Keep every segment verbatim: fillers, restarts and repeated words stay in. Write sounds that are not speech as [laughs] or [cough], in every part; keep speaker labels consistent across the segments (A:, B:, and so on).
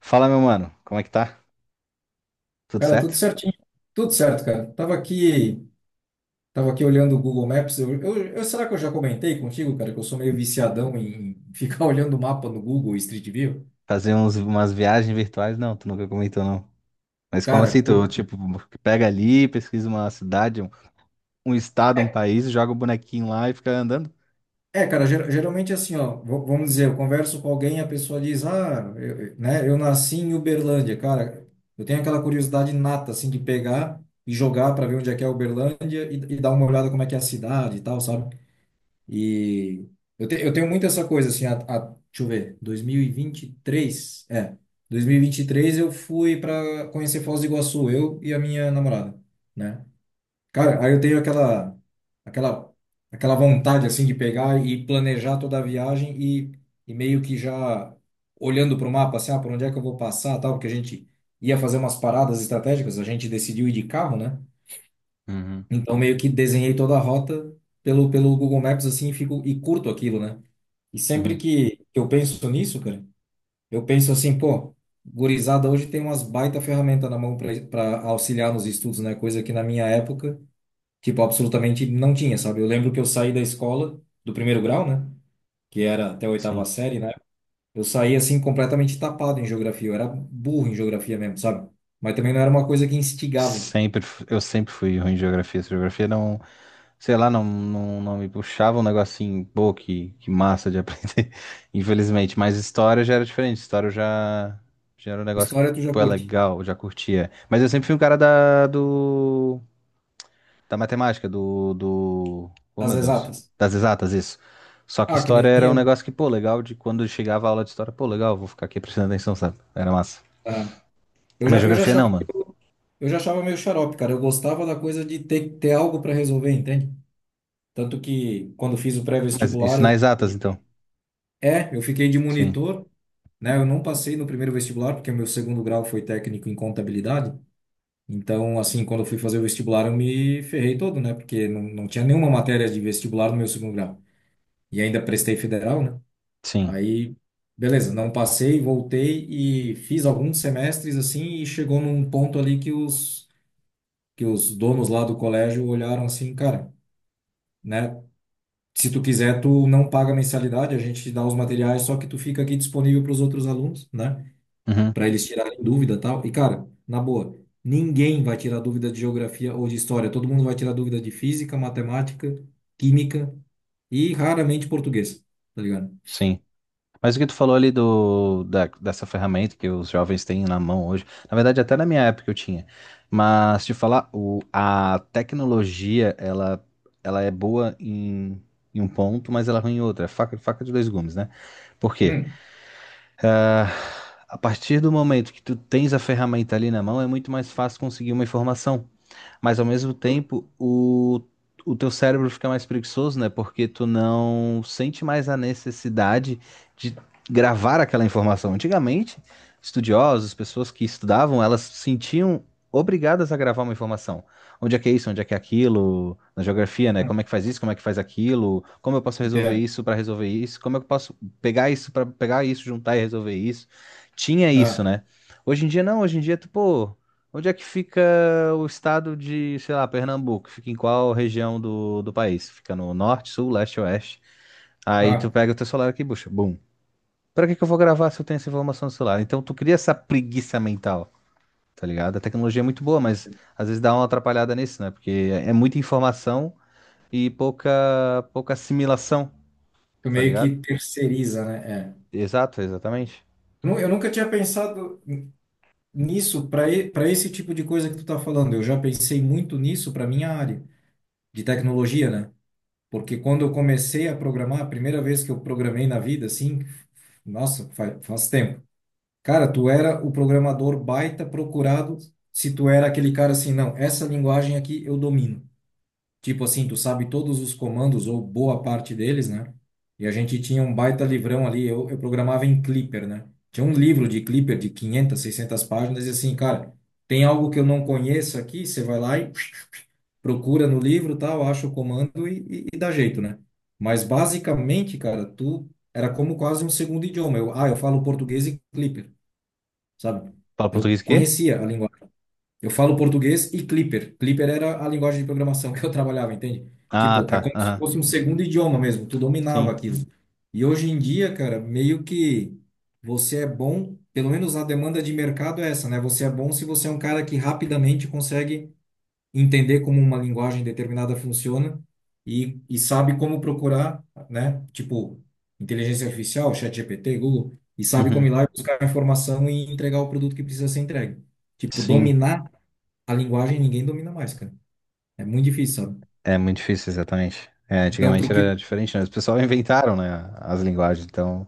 A: Fala, meu mano, como é que tá? Tudo
B: Cara, tudo
A: certo?
B: certinho. Tudo certo, cara. Tava aqui, tava aqui olhando o Google Maps. Eu, eu- eu- será que eu já comentei contigo, cara, que eu sou meio viciadão em [laughs] ficar olhando o mapa no Google Street View?
A: Fazer uns, umas viagens virtuais? Não, tu nunca comentou, não. Mas como
B: Cara,
A: assim? Tu,
B: cur-
A: tipo, pega ali, pesquisa uma cidade, um, um estado, um país, joga o bonequinho lá e fica andando?
B: é, cara, ger- geralmente assim, ó, v- vamos dizer, eu converso com alguém e a pessoa diz, ah, eu, eu- né, eu nasci em Uberlândia, cara. Eu tenho aquela curiosidade nata, assim, de pegar e jogar para ver onde é que é Uberlândia e, e dar uma olhada como é que é a cidade e tal, sabe? E eu, te- eu tenho muito essa coisa, assim, a, a, deixa eu ver, dois mil e vinte e três é, dois mil e e vinte e três eu fui para conhecer Foz do Iguaçu, eu e a minha namorada, né? Cara, aí eu tenho aquela, aquela, aquela vontade, assim, de pegar e planejar toda a viagem e, e meio que já olhando para o mapa, assim, ah, por onde é que eu vou passar, tal, porque a gente ia fazer umas paradas estratégicas, a gente decidiu ir de carro, né?
A: Uhum,
B: Então, meio que desenhei toda a rota pelo, pelo Google Maps, assim, e fico, e curto aquilo, né? E sempre
A: uhum,
B: que que eu penso nisso, cara, eu penso assim, pô, gurizada hoje tem umas baita ferramenta na mão para auxiliar nos estudos, né? Coisa que na minha época, tipo, absolutamente não tinha, sabe? Eu lembro que eu saí da escola, do primeiro grau, né? Que era até a oitava
A: sim.
B: série, né? Eu saí, assim, completamente tapado em geografia. Eu era burro em geografia mesmo, sabe? Mas também não era uma coisa que instigava.
A: Sempre, fu- eu sempre fui ruim em geografia. Essa Geografia não, sei lá, não, não, não me puxava um negocinho, pô, que, que massa de [laughs] aprender, infelizmente. Mas história já era diferente, história eu já, já era um negócio que,
B: História tu já
A: pô, é
B: curte.
A: legal, eu já curtia. Mas eu sempre fui um cara da, do da matemática, do, do... Oh,
B: As
A: meu Deus.
B: exatas.
A: Das exatas, isso. Só que
B: Ah, que
A: história
B: nem
A: era um
B: eu.
A: negócio que, pô, legal de quando chegava a aula de história, pô, legal, vou ficar aqui prestando atenção, sabe? Era massa.
B: Ah, eu
A: Mas
B: já, eu já
A: geografia
B: achava,
A: não, mano.
B: eu já achava meio xarope, cara. Eu gostava da coisa de ter, ter algo para resolver, entende? Tanto que quando fiz o
A: Mas
B: pré-vestibular,
A: isso nas
B: eu,
A: exatas, então.
B: é, eu fiquei de
A: Sim,
B: monitor, né? Eu não passei no primeiro vestibular, porque o meu segundo grau foi técnico em contabilidade. Então, assim, quando eu fui fazer o vestibular, eu me ferrei todo, né? Porque não, não tinha nenhuma matéria de vestibular no meu segundo grau. E ainda prestei federal, né?
A: sim.
B: Aí, beleza, não passei, voltei e fiz alguns semestres, assim, e chegou num ponto ali que os que os donos lá do colégio olharam assim, cara, né? Se tu quiser, tu não paga mensalidade, a gente te dá os materiais, só que tu fica aqui disponível para os outros alunos, né?
A: Uhum,
B: Para eles tirarem dúvida e tal. E, cara, na boa, ninguém vai tirar dúvida de geografia ou de história. Todo mundo vai tirar dúvida de física, matemática, química e raramente português, tá ligado?
A: sim. Mas o que tu falou ali do, da, dessa ferramenta que os jovens têm na mão hoje, na verdade, até na minha época eu tinha. Mas te falar, o, a tecnologia, ela, ela é boa em, em um ponto, mas ela é ruim em outro. É faca, faca de dois gumes, né? Por quê?
B: Hum,
A: A partir do momento que tu tens a ferramenta ali na mão, é muito mais fácil conseguir uma informação, mas ao mesmo
B: justo.
A: tempo o, o teu cérebro fica mais preguiçoso, né? Porque tu não sente mais a necessidade de gravar aquela informação. Antigamente, estudiosos, pessoas que estudavam, elas se sentiam obrigadas a gravar uma informação. Onde é que é isso? Onde é que é aquilo? Na geografia, né?
B: Hum,
A: Como é que faz isso? Como é que faz aquilo? Como eu posso resolver
B: Entendo.
A: isso para resolver isso? Como eu posso pegar isso para pegar isso, juntar e resolver isso? Tinha isso,
B: Ah,
A: né? Hoje em dia não, hoje em dia tu, pô, onde é que fica o estado de, sei lá, Pernambuco? Fica em qual região do, do país? Fica no norte, sul, leste, oeste? Aí tu
B: ah,
A: pega o teu celular aqui, bucha, bum. Pra que que eu vou gravar se eu tenho essa informação no celular? Então tu cria essa preguiça mental, tá ligado? A tecnologia é muito boa, mas às vezes dá uma atrapalhada nisso, né? Porque é é muita informação e pouca, pouca assimilação,
B: tu
A: tá
B: meio
A: ligado?
B: que terceiriza, né? É.
A: Exato, exatamente.
B: Nu- Eu nunca tinha pensado. Nisso, para para esse tipo de coisa que tu tá falando, eu já pensei muito nisso para minha área de tecnologia, né? Porque quando eu comecei a programar, a primeira vez que eu programei na vida, assim, nossa, faz, faz tempo. Cara, tu era o programador baita procurado se tu era aquele cara assim, não, essa linguagem aqui eu domino. Tipo assim, tu sabe todos os comandos ou boa parte deles, né? E a gente tinha um baita livrão ali, eu, eu programava em Clipper, né? Tinha um livro de Clipper de quinhentas, seiscentas páginas e assim, cara, tem algo que eu não conheço aqui, você vai lá e [tsk] procura no livro, tal, acha o comando e, e, e dá jeito, né? Mas basicamente, cara, tu era como quase um segundo idioma. Eu, ah, eu falo português e Clipper, sabe?
A: Fala
B: Eu
A: português o quê?
B: conhecia a língua eu falo português e Clipper. Clipper era a linguagem de programação que eu trabalhava, entende?
A: Ah,
B: Tipo, é
A: tá.
B: como se
A: Aham.
B: fosse um segundo idioma mesmo, tu dominava
A: Sim.
B: aquilo. E hoje em dia, cara, meio que você é bom, pelo menos a demanda de mercado é essa, né? Você é bom se você é um cara que rapidamente consegue entender como uma linguagem determinada funciona e, e sabe como procurar, né? Tipo, inteligência artificial, ChatGPT, Google, e sabe como
A: Uhum.
B: ir lá e buscar a informação e entregar o produto que precisa ser entregue. Tipo,
A: Sim.
B: dominar a linguagem ninguém domina mais, cara. É muito difícil, sabe?
A: É muito difícil, exatamente. É,
B: Então,
A: antigamente
B: pro
A: era
B: que.
A: diferente, né? Os pessoal [laughs] inventaram, né, as linguagens, então.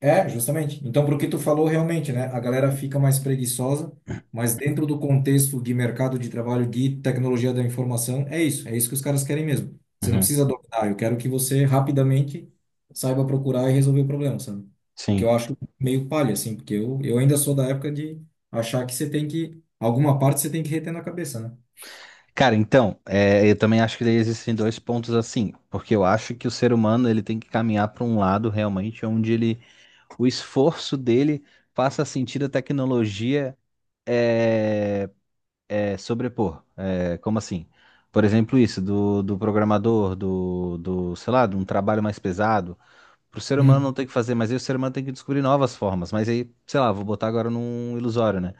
B: É, justamente. Então, pro que tu falou realmente, né? A galera fica mais preguiçosa, mas dentro do contexto de mercado de trabalho, de tecnologia da informação, é isso. É isso que os caras querem mesmo. Você não
A: Uhum,
B: precisa dominar. Eu quero que você rapidamente saiba procurar e resolver o problema, sabe? O que eu
A: sim.
B: acho meio palha, assim, porque eu, eu ainda sou da época de achar que você tem que. Alguma parte você tem que reter na cabeça, né?
A: Cara, então, é, eu também acho que daí existem dois pontos assim, porque eu acho que o ser humano ele tem que caminhar para um lado realmente onde ele, o esforço dele faça sentido a tecnologia é, é, sobrepor. É, como assim? Por exemplo, isso do, do programador, do, do, sei lá, de um trabalho mais pesado. Pro ser humano não
B: Hum.
A: tem que fazer, mas aí o ser humano tem que descobrir novas formas. Mas aí, sei lá, vou botar agora num ilusório, né?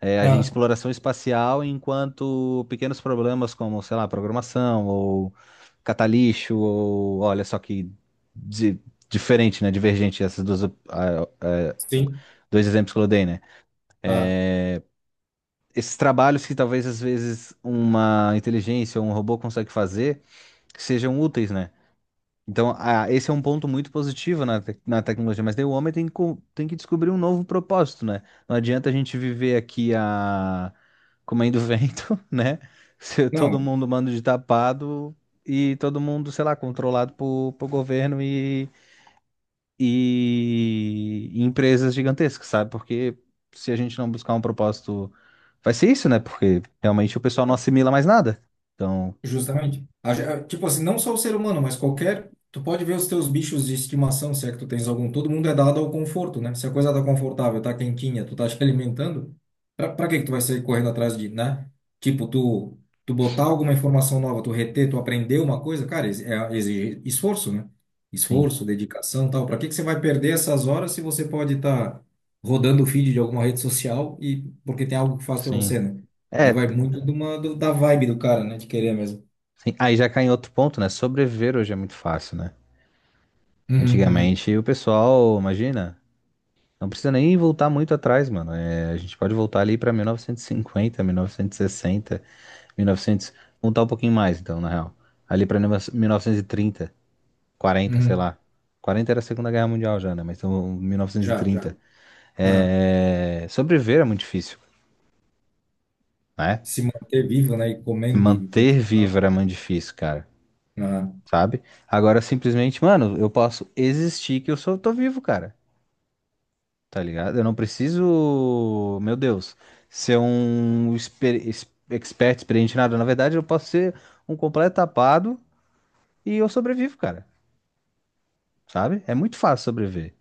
A: É, a gente-
B: Ah,
A: exploração espacial enquanto pequenos problemas como, sei lá, programação ou catalixo ou olha só que di- diferente, né? Divergente essas duas, op- ah, ah,
B: sim.
A: dois exemplos que eu dei, né?
B: Ah,
A: É, esses trabalhos que talvez às vezes uma inteligência ou um robô consegue fazer que sejam úteis, né? Então, ah, esse é um ponto muito positivo na, tec- na tecnologia, mas daí o homem tem que, co- tem que descobrir um novo propósito, né? Não adianta a gente viver aqui a... comendo [laughs] vento, né? Se todo
B: não.
A: mundo manda de tapado e todo mundo, sei lá, controlado por, por governo e, e empresas gigantescas, sabe? Porque se a gente não buscar um propósito, vai ser isso, né? Porque realmente o pessoal não assimila mais nada. Então,
B: Justamente. A ge- a- Tipo assim, não só o ser humano, mas qualquer. Tu pode ver os teus bichos de estimação, se é que tu tens algum. Todo mundo é dado ao conforto, né? Se a coisa tá confortável, tá quentinha, tu tá te [laughs] alimentando, pra, pra que que tu vai sair correndo atrás de, né? Tipo, tu, tu botar alguma informação nova, tu reter, tu aprender uma coisa, cara, ex- é, exige esforço, né?
A: sim,
B: Esforço, dedicação, tal. Pra que que você vai perder essas horas se você pode estar tá rodando o feed de alguma rede social e porque tem algo que faz pra
A: sim.
B: você, né? Aí
A: É,
B: vai muito de uma, do- da vibe do cara, né? De querer mesmo.
A: sim, aí já cai em outro ponto, né? Sobreviver hoje é muito fácil, né?
B: Uhum, uhum,
A: Antigamente o pessoal, imagina, não precisa nem voltar muito atrás, mano. É, a gente pode voltar ali pra mil novecentos e cinquenta, mil novecentos e sessenta, mil e novecentos, voltar um pouquinho mais, então, na real. Ali pra mil novecentos e trinta, quarenta, sei
B: uhum.
A: lá. quarenta era a Segunda Guerra Mundial já, né? Mas então
B: Já, já.
A: mil novecentos e trinta.
B: Ah.
A: É, sobreviver é muito difícil, né?
B: Se manter vivo, né? E comendo e
A: Manter vivo era
B: confortável.
A: muito difícil, cara.
B: Aham.
A: Sabe? Agora simplesmente, mano, eu posso existir que eu sou, tô vivo, cara, tá ligado? Eu não preciso, meu Deus, ser um exper, ex- expert, experiente em nada. Na verdade, eu posso ser um completo tapado e eu sobrevivo, cara, sabe? É muito fácil sobreviver.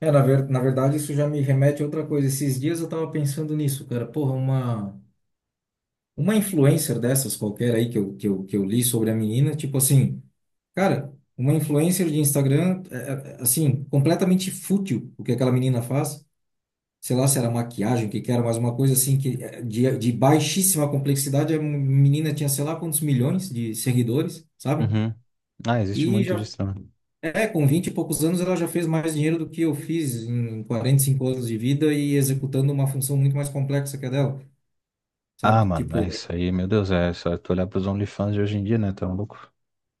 B: É, na, ver, na verdade, isso já me remete a outra coisa. Esses dias eu tava pensando nisso, cara. Porra, uma, uma influencer dessas qualquer aí que eu, que eu, que eu li sobre a menina, tipo assim, cara, uma influencer de Instagram, é, é, assim, completamente fútil o que aquela menina faz. Sei lá se era maquiagem, o que que era, mas uma coisa assim que é, de, de baixíssima complexidade. A menina tinha sei lá quantos milhões de seguidores, sabe?
A: Uhum. Ah, existe
B: E
A: muito
B: já
A: disso também.
B: é, com vinte e poucos anos ela já fez mais dinheiro do que eu fiz em quarenta e cinco anos de vida e executando uma função muito mais complexa que a dela,
A: Ah,
B: sabe?
A: mano, é
B: Tipo,
A: isso aí, meu Deus, é só tu olhar pros OnlyFans de hoje em dia, né? Tá louco?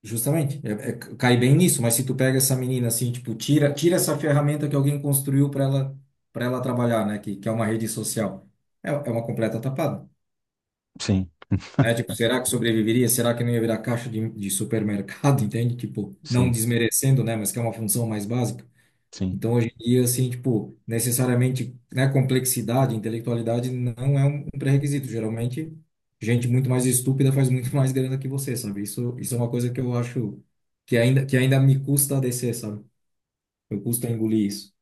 B: justamente, é, é, cai bem nisso, mas se tu pega essa menina assim, tipo, tira, tira essa ferramenta que alguém construiu para ela para ela trabalhar, né, que, que é uma rede social. É, é uma completa tapada.
A: Sim,
B: É tipo, será que sobreviveria? Será que não ia virar caixa de, de supermercado, [laughs] entende? Tipo, não
A: sim,
B: desmerecendo, né, mas que é uma função mais básica.
A: sim.
B: Então, hoje em dia, assim, tipo, necessariamente, né, complexidade, intelectualidade não é um um pré-requisito. Geralmente, gente muito mais estúpida faz muito [laughs] mais grana que você, sabe? Isso, isso é uma coisa que eu acho que ainda, que ainda me custa a descer, sabe? Eu custa a engolir isso.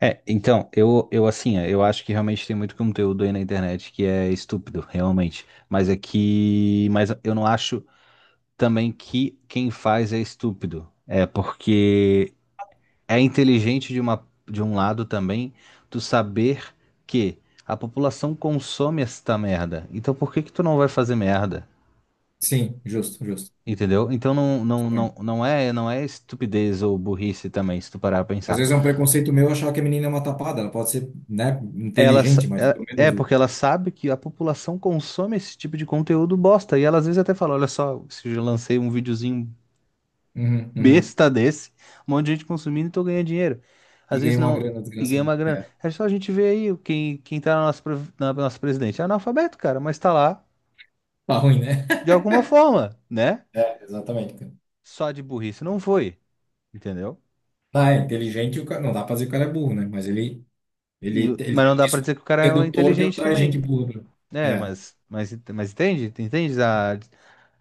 A: É, então, eu, eu assim, é, eu acho que realmente tem muito conteúdo aí na internet que é estúpido, realmente. Mas é que. Mas eu não acho também que quem faz é estúpido. É porque é inteligente de uma, de um lado também tu saber que a população consome esta merda. Então por que que tu não vai fazer merda?
B: Sim, justo, justo.
A: Entendeu? Então não, não, não, não é, não é estupidez ou burrice também, se tu parar a
B: Às
A: pensar.
B: vezes é um preconceito meu achar que a menina é uma tapada. Ela pode ser, né,
A: Ela, sa-
B: inteligente, mas pelo
A: É é
B: menos... o-
A: porque ela sabe que a população consome esse tipo de conteúdo bosta. E ela às vezes até fala: Olha só, se eu lancei um videozinho
B: Uhum, uhum.
A: besta desse, um monte de gente consumindo e tô ganhando dinheiro.
B: E
A: Às vezes
B: ganha uma
A: não,
B: grana
A: e ganha
B: desgraçada.
A: uma grana.
B: É,
A: É só a gente ver aí quem, quem tá na nossa, pre- na nossa presidente. É analfabeto, cara, mas tá lá
B: tá ruim, né?
A: de alguma forma, né?
B: É, exatamente, cara.
A: Só de burrice não foi, entendeu?
B: Tá, é inteligente, o cara, não dá pra dizer que o cara é burro, né? Mas ele,
A: E,
B: Ele, te- ele
A: mas
B: tem
A: não
B: um
A: dá pra
B: disco
A: dizer que o cara é
B: redutor que
A: inteligente
B: atrai gente
A: também.
B: burra.
A: É,
B: É.
A: mas, mas, mas entende? Entende? A,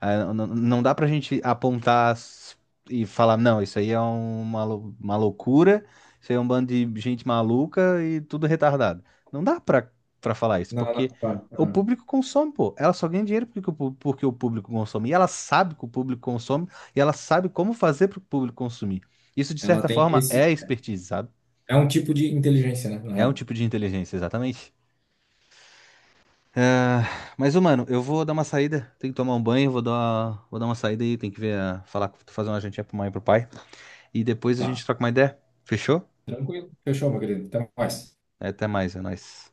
A: a- Não, não dá pra gente apontar s- e falar, não, isso aí é uma, lou- uma loucura, isso aí é um bando de gente maluca e tudo retardado. Não dá pra, pra falar isso,
B: Não, não,
A: porque
B: claro.
A: o
B: Aham.
A: público consome, pô. Ela só ganha dinheiro porque o, pu- porque o público consome. E ela sabe que o público consome, e ela sabe como fazer pro público consumir. Isso, de
B: Ela
A: certa
B: tem
A: forma, é
B: esse.
A: expertise, sabe?
B: É um tipo de inteligência, né? Na
A: É um
B: real.
A: tipo de inteligência, exatamente. Ah, mas, ô, mano, eu vou dar uma saída. Tenho que tomar um banho, vou dar, vou dar uma saída aí. Tem que ver, a- falar, fazer uma jantinha pra mãe e pro pai. E depois a
B: Tá.
A: gente troca uma ideia. Fechou?
B: Tranquilo. Fechou, meu querido. Até mais.
A: Até mais, é nóis.